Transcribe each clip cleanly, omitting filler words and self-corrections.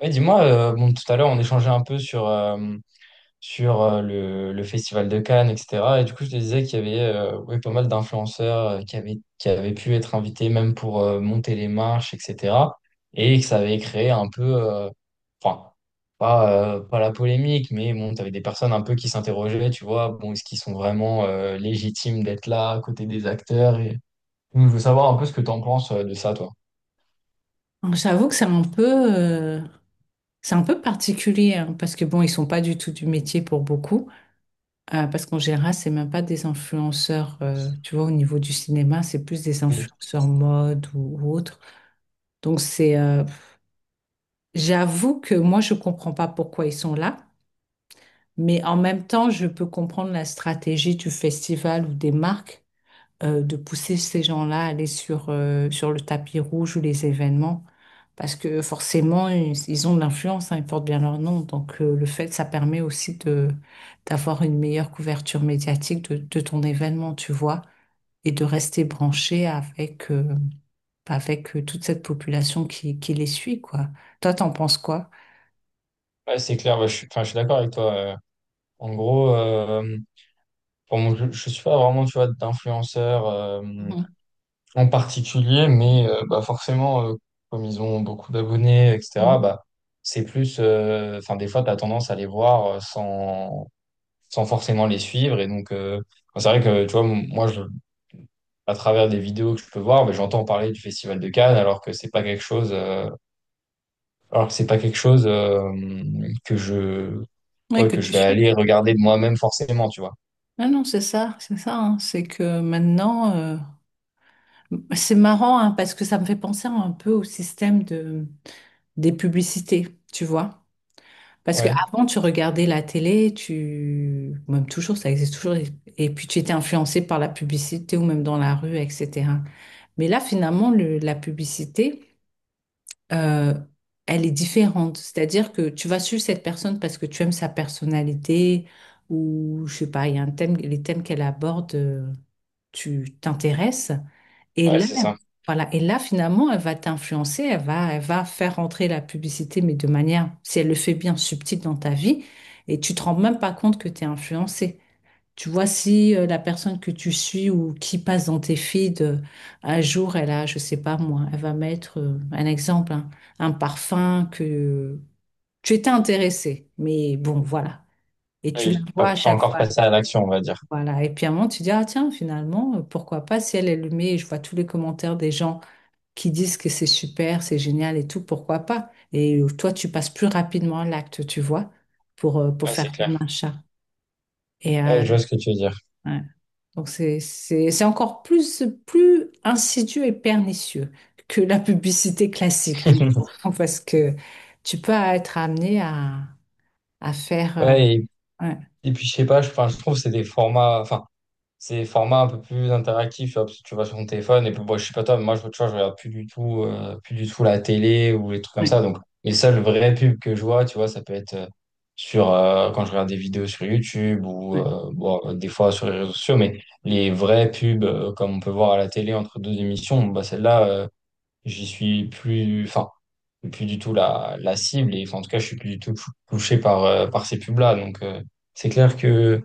Ouais, dis-moi, bon, tout à l'heure, on échangeait un peu sur le Festival de Cannes, etc. Et du coup, je te disais qu'il y avait ouais, pas mal d'influenceurs euh, qui avaient pu être invités même pour monter les marches, etc. Et que ça avait créé un peu, enfin, pas la polémique, mais bon, tu avais des personnes un peu qui s'interrogeaient, tu vois, bon, est-ce qu'ils sont vraiment légitimes d'être là à côté des acteurs? Et... Donc, je veux savoir un peu ce que tu en penses de ça, toi. Donc, j'avoue que c'est un peu particulier hein, parce que bon, ils sont pas du tout du métier pour beaucoup. Parce qu'en général, c'est même pas des influenceurs. Tu vois, au niveau du cinéma, c'est plus des Oui. influenceurs mode ou autre. Donc c'est, euh, J'avoue que moi, je comprends pas pourquoi ils sont là, mais en même temps, je peux comprendre la stratégie du festival ou des marques de pousser ces gens-là à aller sur le tapis rouge ou les événements. Parce que forcément, ils ont de l'influence, hein, ils portent bien leur nom. Le fait, ça permet aussi de, d'avoir une meilleure couverture médiatique de ton événement, tu vois, et de rester branché avec toute cette population qui les suit, quoi. Toi, t'en penses quoi? Ouais, c'est clair, ouais, enfin, je suis d'accord avec toi. En gros, je suis pas vraiment, tu vois, d'influenceurs Mhm, en particulier, mais bah forcément, comme ils ont beaucoup d'abonnés, etc., mhm. bah, c'est plus... Enfin, des fois, tu as tendance à les voir sans forcément les suivre. Et donc, bon, c'est vrai que, tu vois, moi, à travers des vidéos que je peux voir, mais j'entends parler du Festival de Cannes, alors que c'est pas quelque chose que je, Oui, ouais, que que tu je vais suis. aller regarder de moi-même forcément, tu vois. Ah non, c'est ça, c'est ça, hein. C'est que c'est marrant hein, parce que ça me fait penser un peu au système de, des publicités, tu vois. Parce Ouais. qu'avant, tu regardais la télé, tu... même toujours, ça existe toujours, et puis tu étais influencé par la publicité ou même dans la rue, etc. Mais là, finalement, la publicité, euh, elle est différente. C'est-à-dire que tu vas suivre cette personne parce que tu aimes sa personnalité ou, je sais pas, il y a un thème, les thèmes qu'elle aborde, tu t'intéresses. Et Ouais, là, c'est ça. voilà. Et là, finalement, elle va t'influencer, elle va faire rentrer la publicité, mais de manière, si elle le fait bien, subtile dans ta vie. Et tu te rends même pas compte que tu es influencé. Tu vois, si la personne que tu suis ou qui passe dans tes feeds, un jour, elle a, je sais pas moi, elle va mettre un exemple, hein, un parfum que tu étais intéressé. Mais bon, voilà. Et tu la Oui, pas vois à pas chaque encore fois. passer à l'action, on va dire. Voilà. Et puis à un moment, tu dis, ah tiens, finalement, pourquoi pas si elle le met, et je vois tous les commentaires des gens qui disent que c'est super, c'est génial et tout, pourquoi pas? Et toi, tu passes plus rapidement à l'acte, tu vois, pour Ouais, c'est faire clair. ton achat. Et Ouais, euh, je vois ce que tu veux dire. ouais. Donc, c'est encore plus insidieux et pernicieux que la publicité classique, je trouve, parce que tu peux être amené à faire... Ouais, ouais, et puis je sais pas, enfin, je trouve que c'est des formats, enfin, c'est des formats un peu plus interactifs, tu vois, parce que tu vas sur ton téléphone, et puis bon, je sais pas toi, mais moi, tu vois, je regarde plus du tout la télé ou les trucs comme ça. ouais, Donc, les seules vraies pubs que je vois, tu vois, ça peut être quand je regarde des vidéos sur YouTube ou, ouais, des fois sur les réseaux sociaux, mais les vraies pubs, comme on peut voir à la télé entre deux émissions, bah, celles-là, j'y suis plus, enfin, plus du tout la, la cible et enfin, en tout cas, je suis plus du tout touché par, par ces pubs-là. Donc, c'est clair que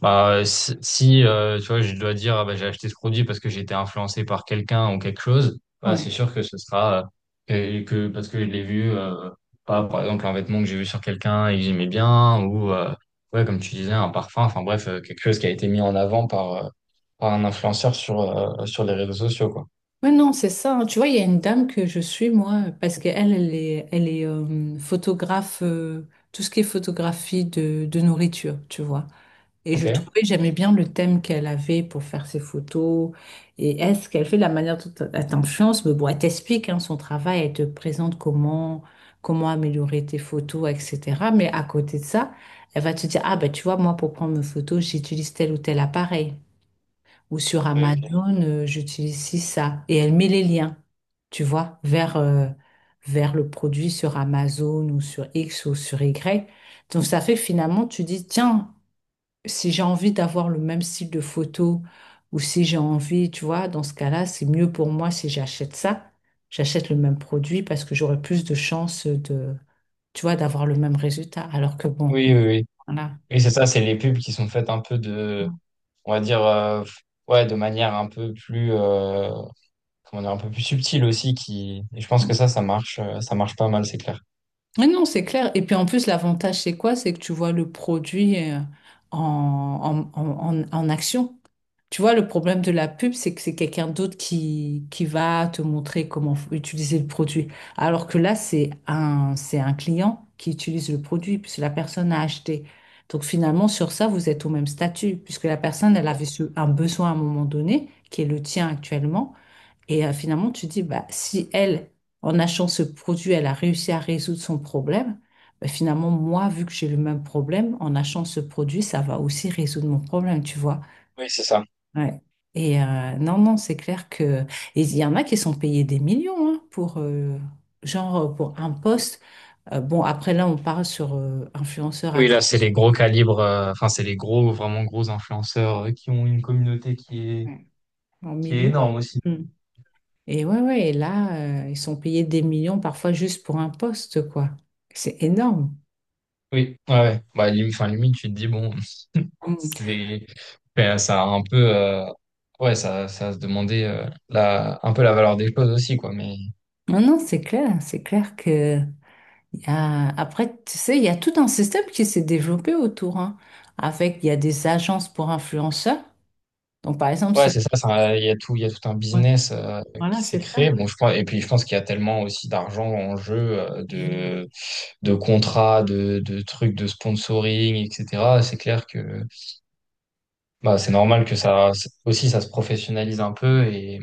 bah, si, tu vois, je dois dire, ah, bah, j'ai acheté ce produit parce que j'ai été influencé par quelqu'un ou quelque chose, bah, c'est ouais. sûr que ce sera euh, parce que je l'ai vu, pas, par exemple, un vêtement que j'ai vu sur quelqu'un et que j'aimais bien ou, ouais, comme tu disais, un parfum, enfin, bref, quelque chose qui a été mis en avant par, par un influenceur sur, sur les réseaux sociaux, quoi. Ouais, non, c'est ça, hein. Tu vois, il y a une dame que je suis, moi, parce qu'elle, elle est photographe, tout ce qui est photographie de nourriture, tu vois. Et je Ok. trouvais, j'aimais bien le thème qu'elle avait pour faire ses photos. Et est-ce qu'elle fait de la manière dont elle t'influence? Mais bon, elle t'explique hein, son travail, elle te présente comment, comment améliorer tes photos, etc. Mais à côté de ça, elle va te dire, ah ben tu vois, moi, pour prendre mes photos, j'utilise tel ou tel appareil. Ou sur Oui, ok. Amazon, j'utilise ci, ça. Et elle met les liens, tu vois, vers le produit sur Amazon ou sur X ou sur Y. Donc ça fait que finalement, tu dis, tiens, si j'ai envie d'avoir le même style de photo ou si j'ai envie, tu vois, dans ce cas-là, c'est mieux pour moi si j'achète ça. J'achète le même produit parce que j'aurai plus de chances de, tu vois, d'avoir le même résultat. Alors que bon, Oui, oui, oui. voilà. Oui, c'est ça, c'est les pubs qui sont faites un peu de, on va dire, ouais, de manière un peu plus, comment dire, un peu plus subtile aussi, qui, et je pense que ça, ça marche pas mal, c'est clair. Mais non, c'est clair. Et puis en plus, l'avantage, c'est quoi? C'est que tu vois le produit en, en action. Tu vois, le problème de la pub, c'est que c'est quelqu'un d'autre qui va te montrer comment utiliser le produit. Alors que là, c'est un client qui utilise le produit, puisque la personne a acheté. Donc finalement, sur ça, vous êtes au même statut, puisque la personne, elle avait un besoin à un moment donné, qui est le tien actuellement. Finalement, tu dis, bah, si elle, en achetant ce produit, elle a réussi à résoudre son problème, bah, finalement, moi, vu que j'ai le même problème, en achetant ce produit, ça va aussi résoudre mon problème, tu vois. Oui, c'est ça. Ouais. Non, non, c'est clair que... et il y en a qui sont payés des millions hein, genre, pour un poste. Bon, après, là, on parle sur influenceurs à... Oui, là, c'est les gros calibres, enfin, c'est les gros, vraiment gros influenceurs qui ont une communauté Ouais, en qui est millions. énorme aussi. Mm. Et ouais, ouais, et là, ils sont payés des millions parfois juste pour un poste, quoi. C'est énorme. Oui, ouais, ouais. Bah, enfin, limite, tu te dis, bon, c'est, ben, ça a un peu, ouais, ça a se demander, un peu la valeur des choses aussi, quoi, mais. Non, non, c'est clair que y a... après, tu sais, il y a tout un système qui s'est développé autour, hein, avec il y a des agences pour influenceurs. Donc, par exemple, Ouais, si c'est ça, ça, il y a tout un ouais, business voilà, qui s'est c'est ça. créé. Bon, je pense, et puis je pense qu'il y a tellement aussi d'argent en jeu, Oui. De contrats, de trucs de sponsoring, etc. C'est clair que bah, c'est normal que ça aussi ça se professionnalise un peu et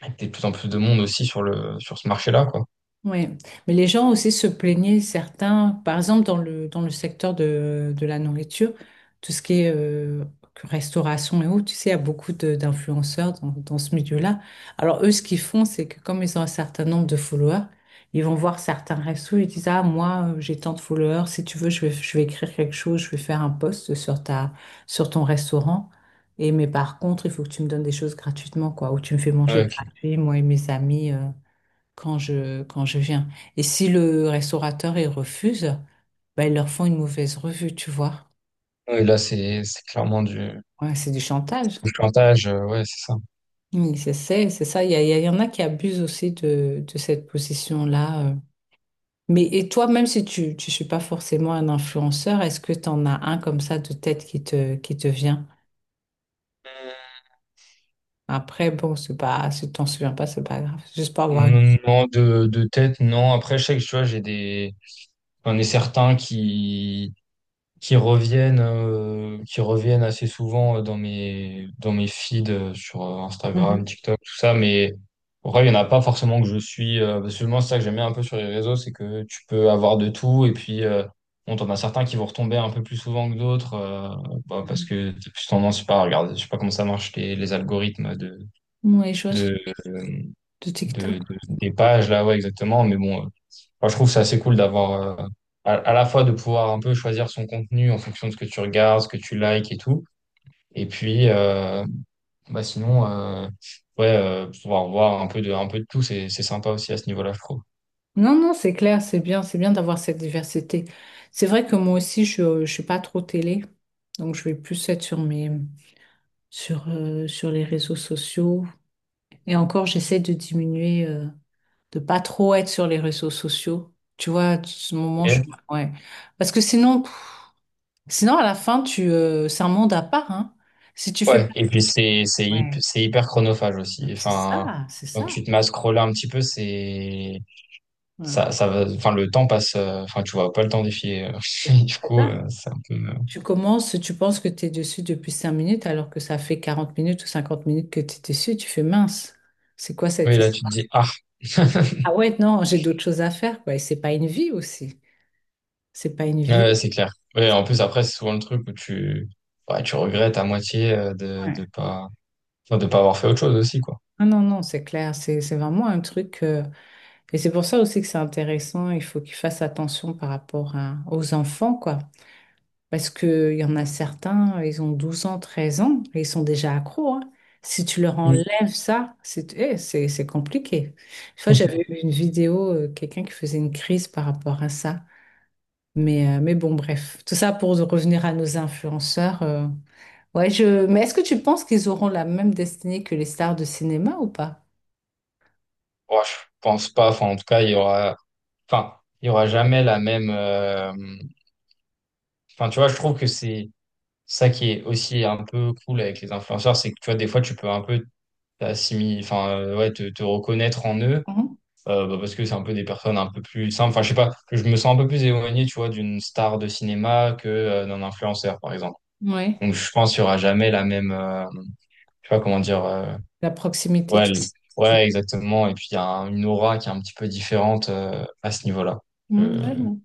qu'il y ait de plus en plus de monde aussi sur le sur ce marché-là, quoi. Oui, mais les gens aussi se plaignaient, certains, par exemple dans le secteur de la nourriture, tout ce qui est que restauration et autres, tu sais, il y a beaucoup de- d'influenceurs dans, dans ce milieu-là. Alors eux, ce qu'ils font, c'est que comme ils ont un certain nombre de followers, ils vont voir certains restos, ils disent, ah, moi, j'ai tant de followers, si tu veux, je vais écrire quelque chose, je vais faire un post sur ta, sur ton restaurant. Et mais par contre, il faut que tu me donnes des choses gratuitement, quoi, ou tu me fais manger Ouais, ok. gratuit, moi et mes amis. Quand je viens. Et si le restaurateur, il refuse, ben, ils leur font une mauvaise revue, tu vois. Ouais, là, c'est clairement Ouais, c'est du chantage. du chantage, ouais, c'est ça. Oui, c'est ça. Il y en a qui abusent aussi de cette position-là. Mais et toi, même si tu ne suis pas forcément un influenceur, est-ce que tu en as un comme ça de tête qui qui te vient? Après, bon, c'est pas, si tu t'en souviens pas, c'est pas grave. Juste pour avoir une- Non, non, de tête, non. Après, je sais que tu vois, j'ai des. J'en ai certains qui reviennent assez souvent dans mes feeds sur Instagram, Mhm. TikTok, tout ça. Mais en vrai, il n'y en a pas forcément que je suis. Parce que moi, c'est ça que j'aime bien un peu sur les réseaux, c'est que tu peux avoir de tout. Et puis, bon, t'en as certains qui vont retomber un peu plus souvent que d'autres. Bah, parce Mhm. que t'as plus tendance, je sais pas, à regarder, je sais pas comment ça marche, les algorithmes de, Ouais, les choses de, euh, de de, TikTok. de- des pages, là, ouais, exactement. Mais bon, moi, je trouve que c'est assez cool d'avoir, à la fois de pouvoir un peu choisir son contenu en fonction de ce que tu regardes, ce que tu likes et tout. Et puis, bah sinon, ouais, pouvoir voir un peu de tout, c'est sympa aussi à ce niveau-là, je trouve. Non, non, c'est clair, c'est bien d'avoir cette diversité. C'est vrai que moi aussi, je ne suis pas trop télé, donc je vais plus être sur mes, sur les réseaux sociaux. Et encore, j'essaie de diminuer, de pas trop être sur les réseaux sociaux. Tu vois, ce moment, je, Et- ouais. Parce que sinon, pff, sinon à la fin, c'est un monde à part, hein. Si tu fais ouais. pas, Et puis, c'est, c'est, ouais, c'est hyper chronophage aussi. c'est Enfin, ça, c'est quand ça. tu te mets à scroller un petit peu, c'est, ça va, enfin, le temps passe, enfin, tu vois pas le temps défiler. Du Ouais. coup, c'est un peu, Tu commences, tu penses que tu es dessus depuis 5 minutes alors que ça fait 40 minutes ou 50 minutes que tu es dessus, tu fais mince. C'est quoi oui, cette là, tu te histoire? dis, ah. Ah ouais, non, j'ai d'autres choses à faire, quoi. Et c'est pas une vie aussi. C'est pas une Ouais, vie. ouais, c'est clair. Ouais, en plus, après, c'est souvent le truc où ouais, tu regrettes à moitié Ouais. de pas, enfin, de pas avoir fait autre chose aussi, quoi. Ah non, non, c'est clair. C'est vraiment un truc. Et c'est pour ça aussi que c'est intéressant. Il faut qu'ils fassent attention par rapport à- aux enfants, quoi. Parce qu'il y en a certains, ils ont 12 ans, 13 ans, et ils sont déjà accros, hein. Si tu leur Mm. enlèves ça, c'est eh, c'est compliqué. Une fois, j'avais vu une vidéo, quelqu'un qui faisait une crise par rapport à ça. Mais bon, bref, tout ça pour revenir à nos influenceurs. Ouais, je... Mais est-ce que tu penses qu'ils auront la même destinée que les stars de cinéma ou pas? Ouais, je pense pas. Enfin, en tout cas, il y aura, enfin, il y aura jamais la même, enfin, tu vois, je trouve que c'est ça qui est aussi un peu cool avec les influenceurs, c'est que, tu vois, des fois, tu peux un peu t'assimiler, ouais, te reconnaître en eux, bah, parce que c'est un peu des personnes un peu plus simples. Enfin, je sais pas, je me sens un peu plus éloigné, tu vois, d'une star de cinéma que, d'un influenceur, par exemple. Mhm. Ouais. Donc, je pense qu'il y aura jamais la même, je sais pas comment dire, La proximité, ouais, tu... ouais, exactement. Et puis, il y a une aura qui est un petit peu différente à ce niveau-là. Mhm, Euh, ouais, non,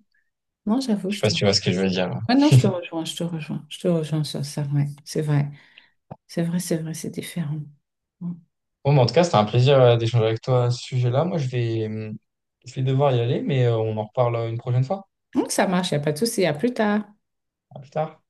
non, j'avoue, je sais je pas te... si tu vois ce que je veux dire. Ouais, non, je te rejoins sur ça, ouais, c'est vrai. C'est vrai, c'est vrai, c'est différent. Mm. Bon, mais en tout cas, c'était un plaisir d'échanger avec toi à ce sujet-là. Moi, je vais devoir y aller, mais on en reparle une prochaine fois. Donc, ça marche, il n'y a pas de souci. À plus tard. À plus tard.